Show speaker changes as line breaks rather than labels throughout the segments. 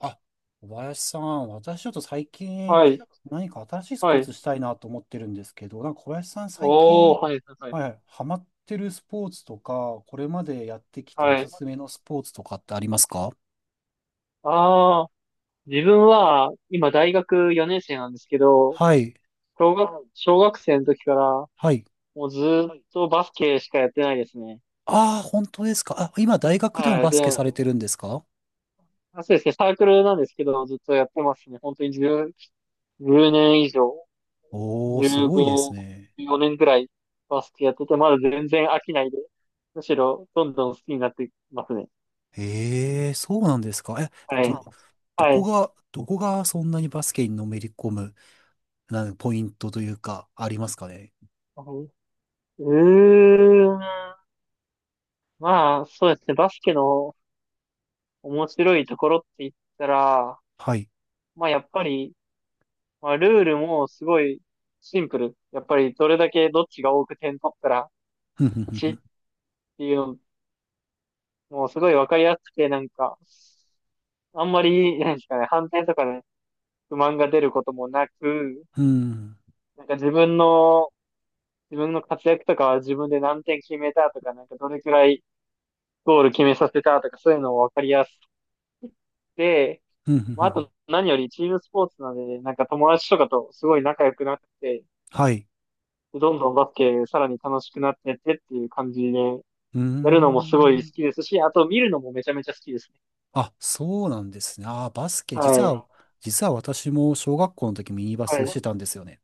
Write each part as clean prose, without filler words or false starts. あ、小林さん、私ちょっと最近
はい。
何か新しいス
は
ポー
い。
ツしたいなと思ってるんですけど、なんか小林さん最
おー、
近、
はい、はい。
はい、ハマってるスポーツとか、これまでやってきてお
は
す
い。
すめのスポーツとかってありますか？
ああ、自分は、今大学4年生なんですけど、
はい、
小学生の時から、
はい。
もうずーっとバスケしかやってないですね。
ああ、本当ですか。あ、今大学でも
はい。
バ
で、
スケされてるんですか？
あ、そうですね、サークルなんですけど、ずっとやってますね。本当に10、年以上、
おー、すごいです
15、
ね。
4年くらいバスケやってて、まだ全然飽きないで、むしろどんどん好きになってますね。
ええ、そうなんですか。え、
はい。
ど、ど
は
こ
い。
が、どこがそんなにバスケにのめり込む、なんかポイントというか、ありますかね。
うーん。まあ、そうですね。バスケの面白いところって言ったら、
はい。
まあ、やっぱり、まあ、ルールもすごいシンプル。やっぱり、どれだけどっちが多く点取ったら、
ふんふんふ
勝ち
ん
っていうのもすごいわかりやすくて、なんか、あんまり、なんですかね、反転とかね、不満が出ることもなく、
ふん
なんか自分の活躍とかは自分で何点決めたとか、なんかどれくらいゴール決めさせたとか、そういうのもわかりやすくて、
ふんふんふ
まあ、
ん
あ
ふん。
と何よりチームスポーツなので、なんか友達とかとすごい仲良くなって、
はい。
どんどんバスケさらに楽しくなってってっていう感じで、や
うー
るのもすごい好
ん。
きですし、あと見るのもめちゃめちゃ好きですね。
あ、そうなんですね。あー、バスケ。
は
実
い。
は、実は私も小学校の時ミニバ
は
スし
い。
てたんですよね。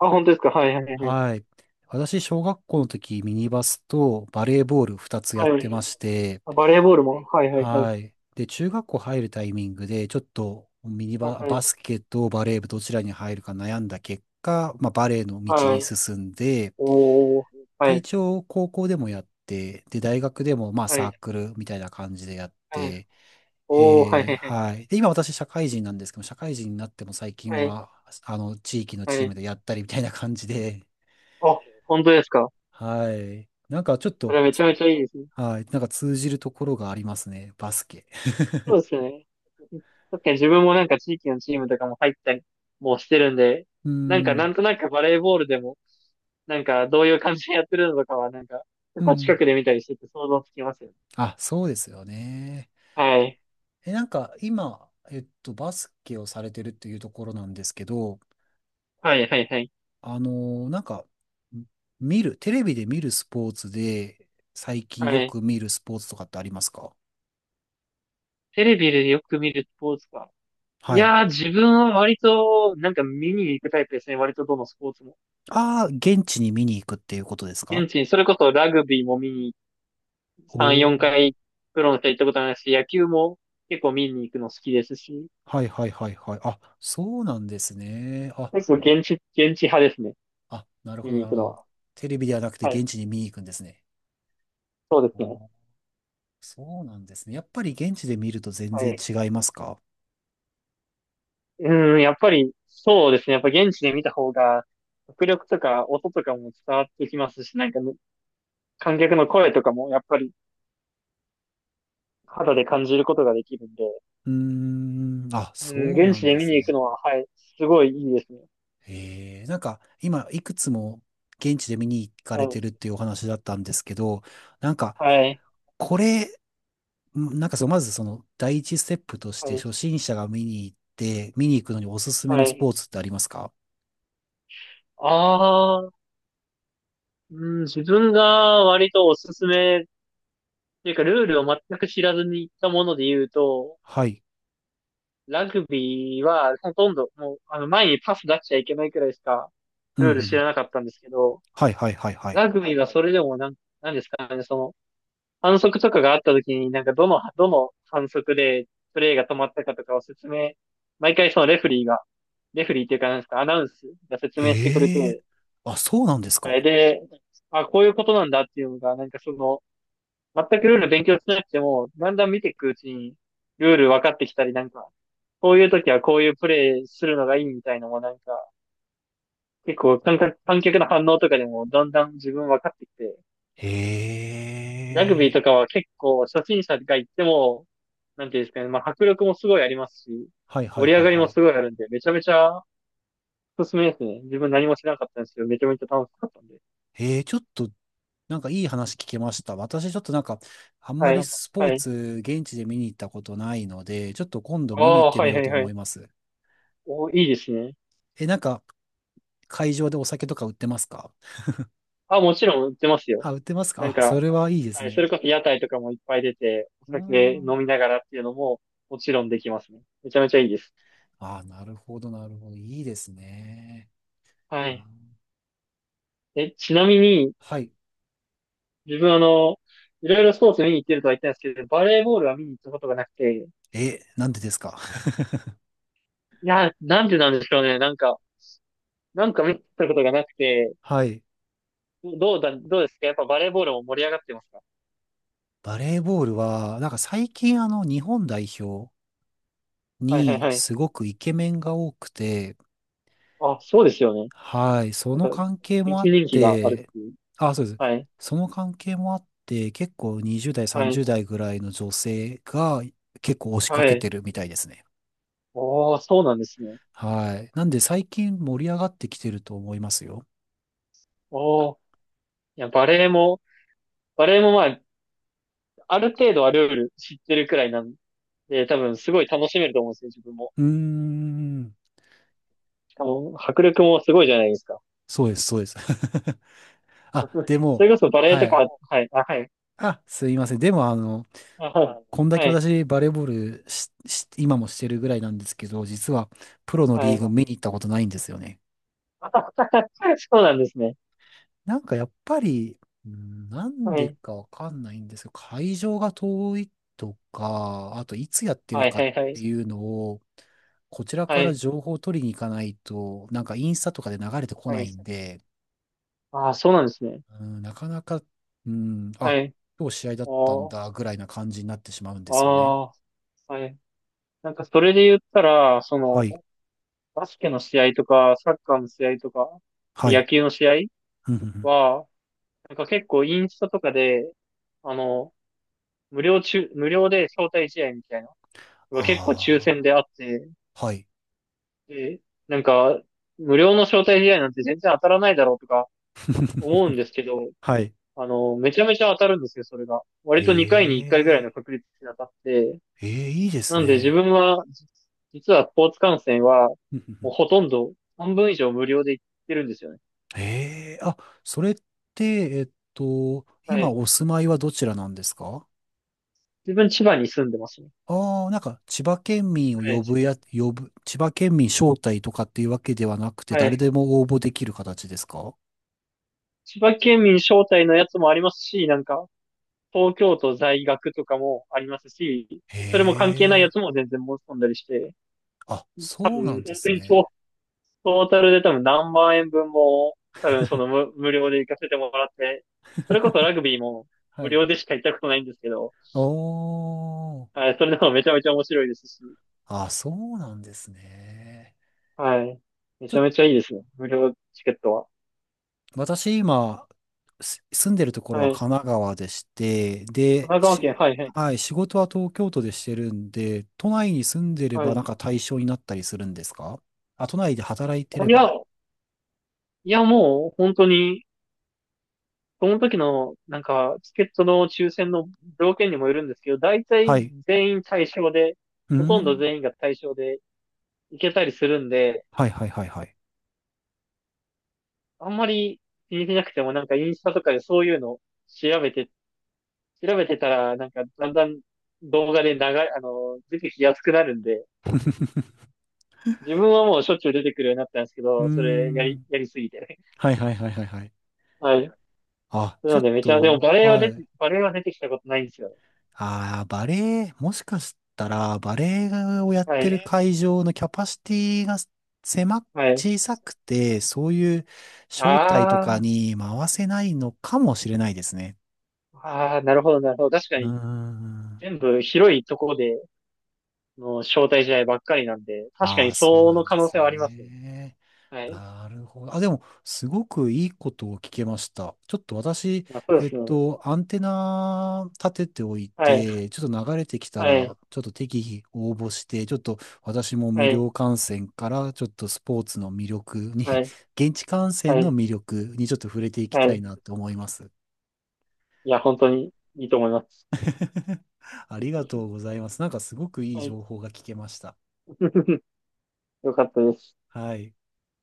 あ、本当ですか？はいはいはいは
はい。私、小学校の時ミニバスとバレーボール
い。
2つやっ
は
て
い。
まして、
あ、バレーボールも。はいはいはい。
はい。で、中学校入るタイミングで、ちょっとミニ
は
バ、バ
い。
スケとバレー部どちらに入るか悩んだ結果、まあ、バレーの道
は
に
い。
進んで、
おー。は
で、
い。
一応高校でもやって、で、大学でもまあ
は
サー
い。
クルみたいな感じでやっ
はい。
て、
おー。はいはいはい。
はい。で、今私社会人なんですけど、社会人になっても最近
はい。
は、地域の
は
チーム
い。
でやったりみたいな感じで、
あ、本当ですか？
はい。なんかちょっ
そ
と、
れめちゃめちゃいいですね。
はい。なんか通じるところがありますね。バスケ。
そうですよね。確かに自分もなんか地域のチームとかも入ったりもしてるんで、
う
なんかな
ん。
んとなくバレーボールでも、なんかどういう感じでやってるのとかはなんか、や
う
っぱ近
ん。
くで見たりしてて想像つきますよね。
あ、そうですよね。
はい。
なんか今、バスケをされてるっていうところなんですけど、
はい、はい、はい。
なんか、テレビで見るスポーツで、最近
は
よ
い。
く見るスポーツとかってありますか？
テレビでよく見るスポーツか。い
はい。
やー、自分は割と、なんか見に行くタイプですね。割とどのスポーツも。
ああ、現地に見に行くっていうことですか？
現地に、それこそラグビーも見に
おお
3、4
ー。
回プロの人行ったことないし、野球も結構見に行くの好きですし、
はいはいはいはい。あ、そうなんですね。あ、
結構現地派ですね。
あ、なる
見
ほど
に
な
行
る
く
ほ
の
ど。
は。
テレビではなくて
はい。
現地に見に行くんですね。
そうで
あ
すね。
ー、そうなんですね。やっぱり現地で見ると全
は
然
い。
違いますか？
うーん、やっぱり、そうですね。やっぱ現地で見た方が、迫力とか音とかも伝わってきますし、なんかね、観客の声とかもやっぱり肌で感じることができるんで、
うーん、あ、
うん、
そうな
現地
ん
で
で
見
す
に行く
ね。
のは、はい、すごいいいですね。
なんか今いくつも現地で見に行か
は
れ
い、
てるっていうお話だったんですけど、なんか
はい、
これ、なんかまずその第一ステップとし
は
て
い、
初心者が見に行って、見に行くのにおすすめ
は
のス
い。
ポーツってありますか？
ああ、うん、自分が割とおすすめっていうか、ルールを全く知らずに行ったもので言うと、
はい。
ラグビーは、ほとんど、もう、前にパス出しちゃいけないくらいしか、
うんうん
ル
う
ール知
ん。
らなかったんですけど、
はいはいはいはい。
ラグビーはそれでもなんですかね、その、反則とかがあった時に、なんかどの反則でプレーが止まったかとかを説明、毎回そのレフェリーが、レフェリーっていうか、なんですか、アナウンスが説明してくれて、
ええー、あ、そうなんです
あれ
か。
で、あ、こういうことなんだっていうのが、なんかその、全くルール勉強しなくても、だんだん見ていくうちに、ルール分かってきたり、なんか、こういう時はこういうプレイするのがいいみたいのもなんか、結構観客の反応とかでもだんだん自分分かってきて、
え
ラグビー
えー、
とかは結構初心者が行っても、なんていうんですかね、まあ迫力もすごいありますし、
はいはい
盛り
は
上
い
がり
は
も
い。
すごいあるんで、めちゃめちゃおすすめですね。自分何もしなかったんですけど、めちゃめちゃ楽しかったんで。
ええー、ちょっとなんかいい話聞けました。私ちょっとなんか、あん
は
まり
い。
スポー
はい。
ツ、現地で見に行ったことないので、ちょっと今度
あ
見に行っ
あ、
て
は
み
い
よ
は
う
い
と
は
思
い。
います。
お、いいですね。
なんか、会場でお酒とか売ってますか？
あ、もちろん売ってますよ。
あ、売ってます
なん
か？あ、そ
か、
れはいいです
はい、そ
ね。
れこそ屋台とかもいっぱい出て、お
うー
酒飲み
ん。
ながらっていうのももちろんできますね。めちゃめちゃいいです。
あ、なるほど、なるほど。いいですね。
は
あ、
い。え、ちなみに、
はい。
自分いろいろスポーツ見に行ってるとは言ったんですけど、バレーボールは見に行ったことがなくて、
なんでですか？
いや、なんでなんでしょうね。なんか見に行ったことがなくて、
はい。
どうですかやっぱバレーボールも盛り上がってますか？
バレーボールは、なんか最近日本代表
はいはい
に
はい。
すごくイケメンが多くて、
あ、そうですよね。
はい、そ
なん
の
か、
関係も
一
あっ
人気がある
て、
っていう。
あ、そうです。
はい。
その関係もあって、結構20代、
はい。
30代ぐらいの女性が結構押しか
は
け
い。
てるみたいですね。
おー、そうなんですね。
はい。なんで最近盛り上がってきてると思いますよ。
おー。いや、バレーもバレエもまあ、ある程度はルール知ってるくらいなんで、多分すごい楽しめると思うんですよ、自分も。
うーん。
しかも、迫力もすごいじゃないですか。
そうです、そうです。あ、で
そ
も、
れこそバレエ
は
とか、
い。
はい、あ、はい、
あ、すいません。でも、
あ、
こんだけ
はい、
私、バレーボールし今もしてるぐらいなんですけど、実は、プロの
は
リ
い、
ーグ
はい。
見に行ったことないんですよね。
そうなんですね。
なんかやっぱり、うん、なん
は
で
い、
かわかんないんですけど、会場が遠いとか、あといつやってる
はい、
か
は
っ
い、はい、
ていうのを、こちら
は
から
い、
情報を取りに行かないと、なんかインスタとかで流れてこ
は
な
い。
いんで、
ああ、そうなんですね。
うん、なかなか、うん、
は
あ、
い。
今日試合だったん
おー、
だぐらいな感じになってしまうんですよね。
ああ、はい。なんかそれで言ったら、そ
は
の、
い、
バスケの試合とか、サッカーの試合とか、
は
野
い。
球の試合
うんうんうん、
は、なんか結構インスタとかで、あの、無料で招待試合みたいなのが結構抽選
あ
であって、
あー、はい。
で、なんか、無料の招待試合なんて全然当たらないだろうとか思うんですけ ど、
はい。
めちゃめちゃ当たるんですよ、それが。
え
割と2回に1回ぐらいの
え、
確率で当たって、
ええ、いいです
なんで自
ね。
分は、実はスポーツ観戦は、もう ほとんど半分以上無料で行ってるんですよね。
ええ、あ、それって、
は
今
い。
お住まいはどちらなんですか？
自分千葉に住んでますね。
ああ、なんか、千葉県民を
はい。
呼ぶ、千葉県民招待とかっていうわけではなくて、
は
誰
い。
でも応募できる形ですか？
千葉県民招待のやつもありますし、なんか、東京都在学とかもありますし、それも関係ないや
へえ、
つも全然申し込んだりして、
あ、
多
そうなん
分、
で
本当
す
に
ね。
トータルで多分何万円分も、多分その無料で行かせてもらって、それこそラグビーも
は
無
い。
料でしか行ったことないんですけど、
おー、
はい、それでもめちゃめちゃ面白いですし、
あ、そうなんですね。
はい。め
ちょ
ちゃ
っ
めちゃいいですね。無料チケットは。
私今、住んでるところは
はい。
神奈川でして、
神
で、
奈川県、はい、はい。
はい、仕事は東京都でしてるんで、都内に住んでれ
は
ば
い。
なんか対象になったりするんですか？あ、都内で働いて
い
れ
や、
ば。
もう本当に、その時の、なんか、チケットの抽選の条件にもよるんですけど、大
は
体
い。
全員対象で、
うー
ほとんど
ん。
全員が対象で行けたりするんで、
はいはいはいはい。
あんまり気にしなくても、なんかインスタとかでそういうの調べて、調べてたら、なんかだんだん動画で流れ、あの、出てきやすくなるんで、自分はもうしょっちゅう出てくるようになったんですけ
うー
ど、それ
ん。
やりすぎてね。
はいはいはいはいはい。
はい。
あ、
な
ちょ
の
っ
でめちゃ、でも
と、
バレエは
はい。
出てきたことないんですよね。
ああ、バレエ、もしかしたら、バレエをやっ
は
てる
い。
会場のキャパシティが狭、
はい。
小さくて、そういう招待とか
あ
に回せないのかもしれないですね。
あ、ああ、なるほど、なるほど。確か
うー
に。
ん。
全部広いところでの招待試合ばっかりなんで、確か
あ
に
あ、そう
そ
な
の
ん
可
で
能
す
性はありますね。
ね。
はい。
なるほど。あ、でも、すごくいいことを聞けました。ちょっと私、
まあ、そうですね。
アンテナ立てておい
はい、
て、ちょっと流れてきた
はい、
ら、ちょっと適宜応募して、ちょっと私も
は
無
い、
料観戦から、ちょっとスポーツの魅力に、
はい、
現地観戦
は
の
い、
魅力にちょっと触れていき
は
たい
い。
なと思います。
いや、本当にいいと思います。
ありがとうございます。なんかすごくいい
はい。
情報が聞けました。
よかったです。
はい。